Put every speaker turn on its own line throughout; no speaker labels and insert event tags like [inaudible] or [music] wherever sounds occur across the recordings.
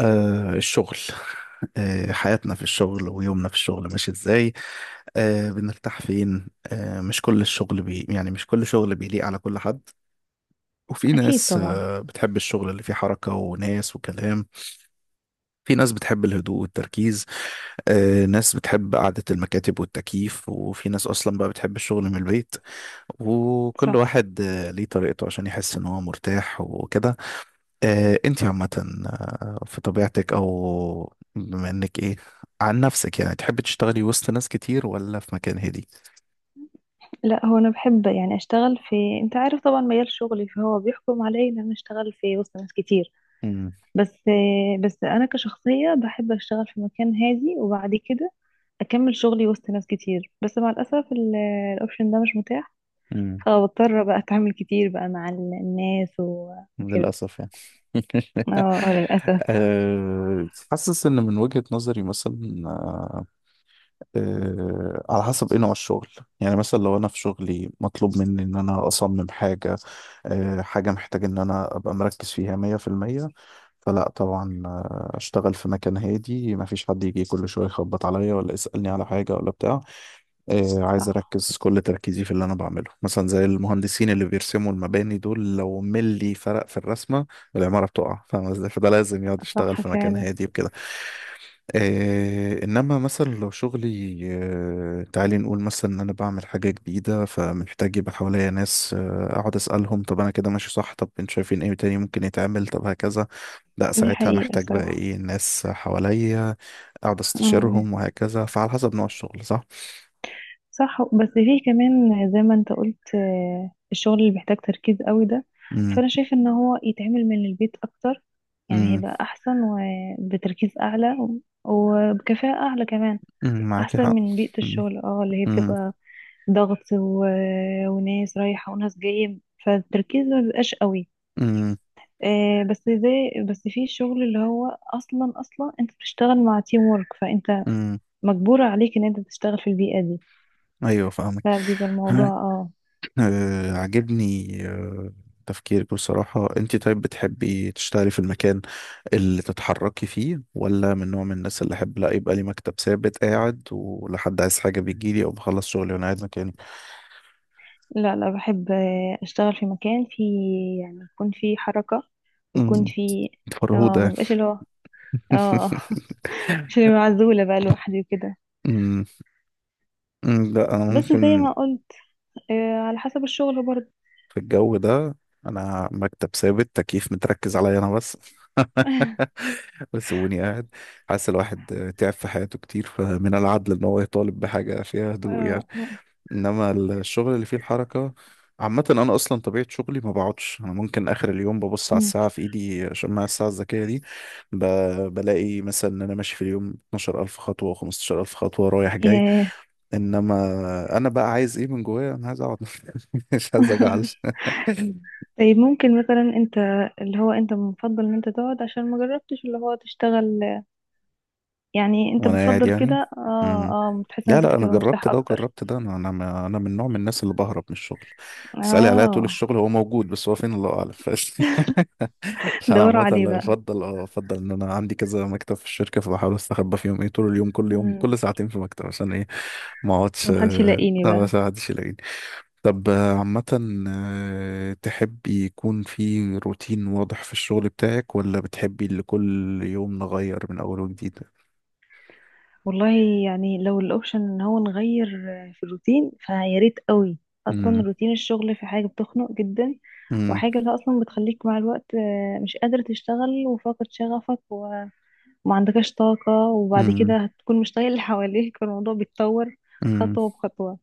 الشغل [laughs] حياتنا في الشغل، ويومنا في الشغل ماشي ازاي؟ بنرتاح فين؟ مش كل الشغل بي، يعني مش كل شغل بيليق على كل حد. وفي
أكيد
ناس
طبعا.
بتحب الشغل اللي فيه حركة وناس وكلام. في ناس بتحب الهدوء والتركيز. ناس بتحب قعدة المكاتب والتكييف، وفي ناس أصلا بقى بتحب الشغل من البيت. وكل
صح.
واحد ليه طريقته عشان يحس إن هو مرتاح وكده. انتي عامة، طب في طبيعتك او بما انك ايه، عن نفسك يعني، تحب تشتغلي وسط ناس كتير ولا في مكان هادي؟
لا، هو أنا بحب يعني أشتغل في، أنت عارف طبعا مجال شغلي فهو بيحكم علي إن أنا أشتغل في وسط ناس كتير.
امم.
بس أنا كشخصية بحب أشتغل في مكان هادي وبعد كده أكمل شغلي وسط ناس كتير، بس مع الأسف الأوبشن ده مش متاح.
امم.
فبضطر بقى أتعامل كتير بقى مع الناس وكده.
للأسف يعني. [laughs]
للأسف.
حاسس إن من وجهة نظري مثلا، على حسب ايه نوع الشغل. يعني مثلا لو انا في شغلي مطلوب مني ان انا اصمم حاجة، حاجة محتاج ان انا ابقى مركز فيها مية في المية، فلا طبعا، اشتغل في مكان هادي، مفيش حد يجي كل شوية يخبط عليا ولا يسألني على حاجة ولا بتاع. عايز
صح،
اركز كل تركيزي في اللي انا بعمله، مثلا زي المهندسين اللي بيرسموا المباني دول، لو ملي فرق في الرسمة العمارة بتقع، فاهم ازاي؟ فده لازم يقعد يشتغل
صح
في مكان
فعلا.
هادي بكده. انما مثلا لو شغلي، تعالي نقول مثلا ان انا بعمل حاجه جديده، فمحتاج يبقى حواليا ناس، اقعد اسالهم، طب انا كده ماشي صح؟ طب انتوا شايفين ايه تاني ممكن يتعمل؟ طب هكذا. لا،
دي
ساعتها
حقيقة
محتاج بقى
صراحة.
ايه، ناس حواليا اقعد استشيرهم وهكذا. فعلى حسب نوع الشغل، صح.
صح، بس في كمان زي ما انت قلت، الشغل اللي بيحتاج تركيز قوي ده
امم.
فانا شايف ان هو يتعمل من البيت اكتر، يعني
امم.
هيبقى احسن وبتركيز اعلى وبكفاءة اعلى كمان،
أمم، معاكي
احسن
حق.
من بيئة
امم.
الشغل اللي هي
امم.
بتبقى ضغط و... وناس رايحة وناس جاية، فالتركيز ما بيبقاش قوي.
امم.
بس في الشغل اللي هو اصلا انت بتشتغل مع تيم وورك فانت
أمم.
مجبورة عليك ان انت تشتغل في البيئة دي،
ايوه فاهمك.
فبيبقى الموضوع اه.
عجبني تفكيرك بصراحة. انت طيب بتحبي تشتغلي في المكان اللي تتحركي فيه، ولا من نوع من الناس اللي احب لا، يبقى لي مكتب ثابت قاعد، ولحد عايز حاجة بيجيلي، او بخلص شغلي وانا قاعد مكاني؟
لا لا، بحب اشتغل في مكان فيه يعني، يكون فيه حركة ويكون
أمم،
فيه اه،
فرهودة.
مبقاش اللي هو اه
[laughs]
[laughs] مش اللي هو معزولة بقى لوحدي وكده.
أمم. أمم، لا انا
بس زي
ممكن
ما قلت، على حسب الشغل برضه.
في الجو ده، انا مكتب ثابت، تكييف متركز عليا انا بس. [laughs] وسيبوني قاعد. حاسس الواحد تعب في حياته كتير، فمن العدل ان هو يطالب بحاجة فيها هدوء
آه.
يعني. انما الشغل اللي فيه الحركة، عامة انا اصلا طبيعة شغلي ما بقعدش. انا ممكن اخر اليوم ببص على
مم.
الساعة في ايدي، شماعة الساعة الذكية دي، ب... بلاقي مثلا ان انا ماشي في اليوم 12000 خطوة و15000 خطوة رايح جاي.
ياه.
انما انا بقى عايز ايه من جوايا؟ انا عايز اقعد. [laughs] مش عايز اجعل.
[laughs]
[laughs]
طيب ممكن مثلا انت اللي هو انت بتفضل ان انت تقعد عشان ما جربتش اللي هو تشتغل، يعني انت
وانا قاعد
بتفضل
يعني.
كده اه؟
امم.
اه، بتحس
لا
نفسك
لا، انا
هتبقى
جربت
مرتاح
ده
اكتر؟
وجربت ده. انا انا ما- انا من نوع من الناس اللي بهرب من الشغل، تسالي عليا طول
اه.
الشغل، هو موجود، بس هو فين الله اعلم. [laughs]
[laughs]
انا
دوروا
عامه
عليه
لا،
بقى.
افضل، افضل ان انا عندي كذا مكتب في الشركه، فبحاول استخبى فيهم ايه طول اليوم. كل يوم كل
مم.
ساعتين في مكتب، عشان ايه؟ ما اقعدش،
عشان محدش يلاقيني بقى.
بس ما حدش يلاقيني. طب عامه، تحبي يكون في روتين واضح في الشغل بتاعك، ولا بتحبي اللي كل يوم نغير من اول وجديد؟
والله يعني لو الاوبشن ان هو نغير في الروتين فيا ريت قوي. اصلا روتين الشغل في حاجه بتخنق جدا،
امم.
وحاجه اللي اصلا بتخليك مع الوقت مش قادر تشتغل وفاقد شغفك وما عندكش طاقه، وبعد
امم.
كده هتكون مش طايق اللي حواليك، فالموضوع بيتطور
امم.
خطوه بخطوه.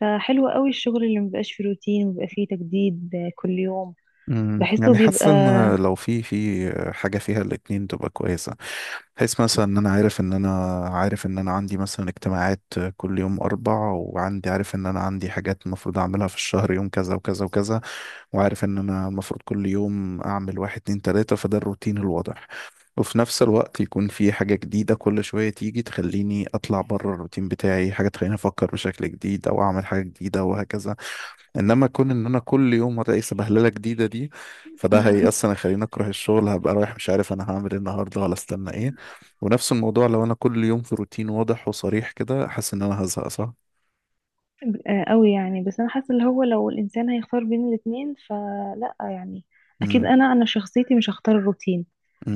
فحلو قوي الشغل اللي مبيبقاش فيه روتين وبيبقى فيه تجديد كل يوم،
امم.
بحسه
يعني حاسس
بيبقى.
ان لو في حاجه فيها الاتنين تبقى كويسه، بحيث مثلا ان انا، عارف ان انا عندي مثلا اجتماعات كل يوم اربع، وعندي، عارف ان انا عندي حاجات المفروض اعملها في الشهر يوم كذا وكذا وكذا، وعارف ان انا المفروض كل يوم اعمل واحد اتنين تلاته، فده الروتين الواضح. وفي نفس الوقت يكون في حاجة جديدة كل شوية تيجي تخليني أطلع بره الروتين بتاعي، حاجة تخليني أفكر بشكل جديد، أو أعمل حاجة جديدة وهكذا. انما كون ان انا كل يوم الاقي سبهلله جديده دي، فده هي
[laughs]
اصلا يخليني اكره الشغل. هبقى رايح مش عارف انا هعمل ايه النهارده ولا استنى ايه. ونفس الموضوع، لو انا كل يوم في روتين واضح وصريح كده، حاسس ان انا هزهق، صح؟
قوي يعني، بس انا حاسه اللي هو لو الانسان هيختار بين الاتنين فلا يعني، اكيد
امم.
انا شخصيتي مش هختار الروتين.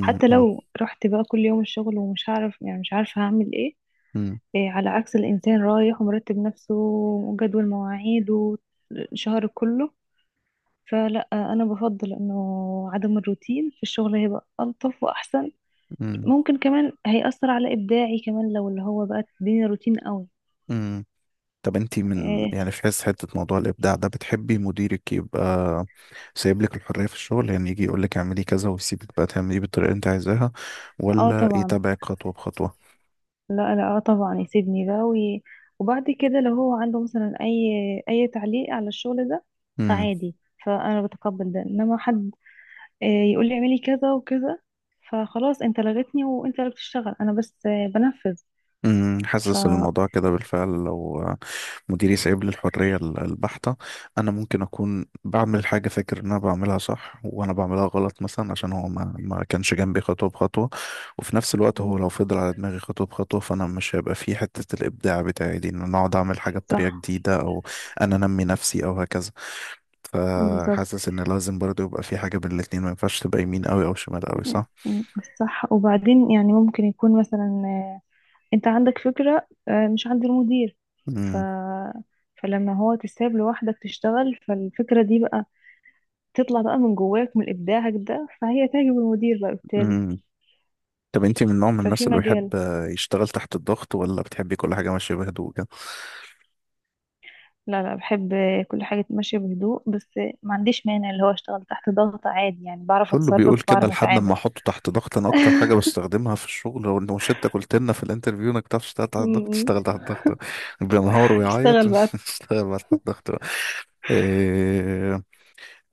حتى لو رحت بقى كل يوم الشغل ومش هعرف، يعني مش عارفه هعمل ايه.
امم.
إيه، على عكس الانسان رايح ومرتب نفسه وجدول مواعيد وشهر كله. فلا، انا بفضل انه عدم الروتين في الشغل هيبقى الطف واحسن.
امم.
ممكن كمان هيأثر على ابداعي كمان لو اللي هو بقى الدنيا روتين قوي.
امم. طب انتي من،
إيه،
يعني في حس حته موضوع الابداع ده، بتحبي مديرك يبقى سايب لك الحريه في الشغل، يعني يجي يقول لك اعملي كذا ويسيبك بقى تعملي إيه بالطريقه اللي انت عايزاها،
اه
ولا
طبعا.
يتابعك خطوه بخطوه؟
لا لا، اه طبعا يسيبني ده وي... وبعد كده لو هو عنده مثلا اي تعليق على الشغل ده فعادي، فانا بتقبل ده. انما حد آه، يقول لي اعملي كذا وكذا، فخلاص انت لغتني وانت اللي بتشتغل، انا بس بنفذ.
أمم،
ف
حاسس إن الموضوع كده بالفعل. لو مديري سايب لي الحرية البحتة، أنا ممكن أكون بعمل حاجة فاكر إن أنا بعملها صح وأنا بعملها غلط، مثلا عشان هو ما كانش جنبي خطوة بخطوة. وفي نفس الوقت
م،
هو لو فضل على دماغي خطوة بخطوة، فأنا مش هيبقى فيه حتة الإبداع بتاعي دي، إن أنا أقعد أعمل حاجة بطريقة
صح.
جديدة أو أنا أنمي نفسي أو هكذا.
بالظبط.
فحاسس إن لازم برضه يبقى في حاجة بين الاتنين، ما ينفعش تبقى يمين أوي أو شمال أوي، صح؟
م، صح. وبعدين يعني ممكن يكون مثلا انت عندك فكرة مش عند المدير. ف فلما هو تساب لوحدك تشتغل، فالفكرة دي بقى تطلع بقى من جواك من إبداعك ده، فهي تعجب المدير بقى بالتالي.
أمم. طب انت من نوع من
ففي
الناس اللي بيحب
مجال،
يشتغل تحت الضغط، ولا بتحبي كل حاجة ماشية بهدوء كده؟
لا لا بحب كل حاجة ماشية بهدوء، بس ما عنديش مانع اللي هو اشتغل تحت ضغط عادي، يعني بعرف
كله
أتصرف
بيقول كده
بعرف
لحد ما
أتعامل.
احطه تحت ضغط. انا اكتر حاجة بستخدمها في الشغل، هو انه شتى قلت لنا في الانترفيو انك تعرف تشتغل تحت
م-
الضغط، تشتغل تحت
م.
الضغط بينهار
[laughs]
ويعيط. [laughs]
اشتغل بقى.
اشتغل بقى تحت الضغط بقى. إيه،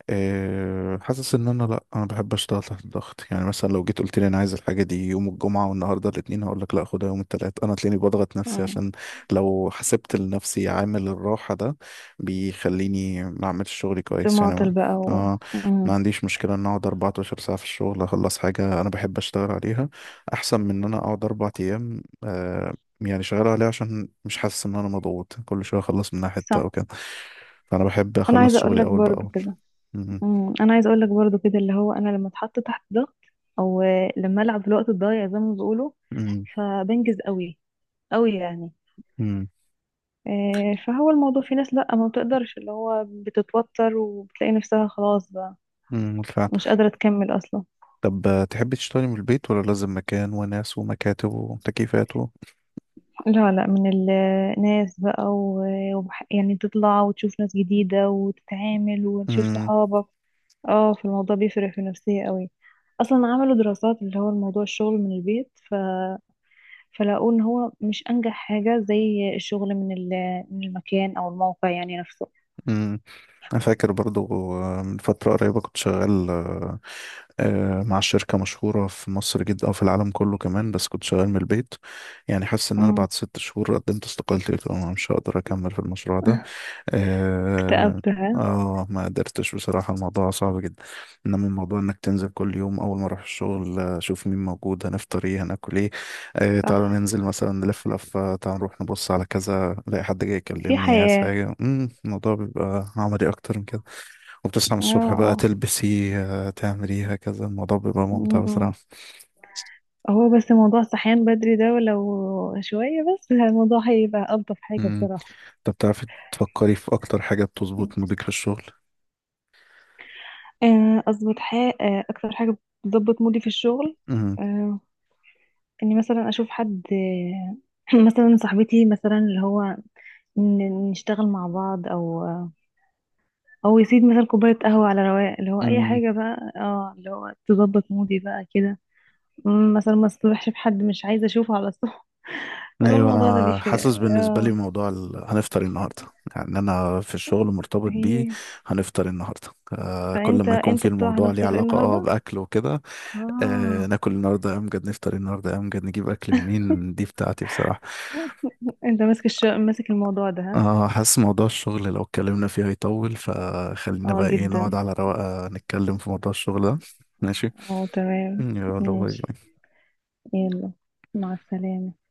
حاسس ان انا، لا، انا بحب اشتغل تحت الضغط. يعني مثلا لو جيت قلت لي انا عايز الحاجه دي يوم الجمعه والنهارده الاثنين، هقول لك لا، خدها يوم الثلاث. انا تلاقيني بضغط نفسي،
مم.
عشان لو حسبت لنفسي عامل الراحه ده، بيخليني ما اعملش شغلي
في
كويس. يعني
معطل
ما،
بقى و...
اه ما
مم.
عنديش مشكله ان اقعد 14 ساعه في الشغل اخلص حاجه انا بحب اشتغل عليها، احسن من ان انا اقعد اربع ايام يعني شغال عليها، عشان مش حاسس ان انا مضغوط. كل شويه اخلص منها حته او
صح.
كده، فانا بحب
أنا
اخلص
عايزة أقول
شغلي
لك
اول
برضو
باول.
كده. مم. أنا عايزة أقول لك برضو كده، اللي هو أنا لما اتحط تحت ضغط أو لما ألعب في الوقت الضايع زي ما بيقولوا،
امم.
فبنجز قوي، قوي يعني.
امم.
فهو الموضوع في ناس لأ، ما بتقدرش، اللي هو بتتوتر وبتلاقي نفسها خلاص بقى
امم، بالفعل.
مش قادرة تكمل أصلا.
طب تحبي تشتغلي من البيت، ولا لازم مكان وناس ومكاتب وتكييفات و...؟
لا لا، من الناس بقى يعني تطلع وتشوف ناس جديدة وتتعامل وتشوف
امم.
صحابك. اه في، الموضوع بيفرق في النفسية قوي. أصلا عملوا دراسات اللي هو الموضوع الشغل من البيت ف... فلقوا إن هو مش أنجح حاجة زي الشغل من من المكان أو الموقع يعني نفسه.
امم. انا فاكر برضو، من فترة قريبة كنت شغال، مع شركة مشهورة في مصر جدا، او في العالم كله كمان، بس كنت شغال من البيت. يعني حاسس ان انا
امم.
بعد ست شهور قدمت استقالتي، قلت أنا مش هقدر اكمل في المشروع ده. اه.
اكتئبتها.
ما قدرتش بصراحة، الموضوع صعب جدا. انما الموضوع انك تنزل كل يوم، اول ما اروح الشغل اشوف مين موجود، هنفطر ايه، هناكل ايه،
صح.
تعالوا ننزل مثلا نلف لفة، تعالوا نروح نبص على كذا، الاقي حد جاي
في
يكلمني عايز
حياة.
حاجة، الموضوع بيبقى عملي اكتر من كده. وبتصحى من
اه
الصبح بقى،
اه.
تلبسي تعملي هكذا، الموضوع بيبقى ممتع
مم.
بصراحة.
هو بس موضوع الصحيان بدري ده ولو شوية بس الموضوع هيبقى ألطف حاجة
مم.
بصراحة.
طب بتعرفي تفكري في اكتر حاجة بتظبط مودك في الشغل؟
أظبط حاجة، أكتر حاجة بتظبط مودي في الشغل،
مم.
آه، إني مثلا أشوف حد [clears throat] مثلا صاحبتي مثلا اللي هو نشتغل مع بعض أو أو يسيب مثلا كوباية قهوة على رواق، اللي هو أي
مم.
حاجة بقى اه اللي هو تظبط مودي بقى كده. مم، مثلا ما أصطبحش بحد مش عايزة أشوفه على الصبح. [laughs] هو
ايوه
الموضوع ده
انا
بيفرق.
حاسس، بالنسبه لي
اه.
موضوع هنفطر إيه النهارده، يعني انا في الشغل مرتبط بيه،
هي.
هنفطر إيه النهارده. كل
فانت،
ما يكون في
انت بتوع
الموضوع ليه
هنفطر ايه
علاقه
النهارده.
باكل وكده.
اه.
ناكل النهارده إيه امجد، نفطر إيه النهارده إيه امجد، نجيب اكل منين، دي بتاعتي بصراحه.
انت ماسك ماسك الموضوع ده ها.
اه حاسس موضوع الشغل لو اتكلمنا فيه هيطول، فخلينا
اه
بقى ايه، نقعد
جدا.
على رواقه نتكلم في موضوع الشغل ده. ماشي،
اه تمام.
يلا
ماشي.
باي.
يلا، مع السلامة.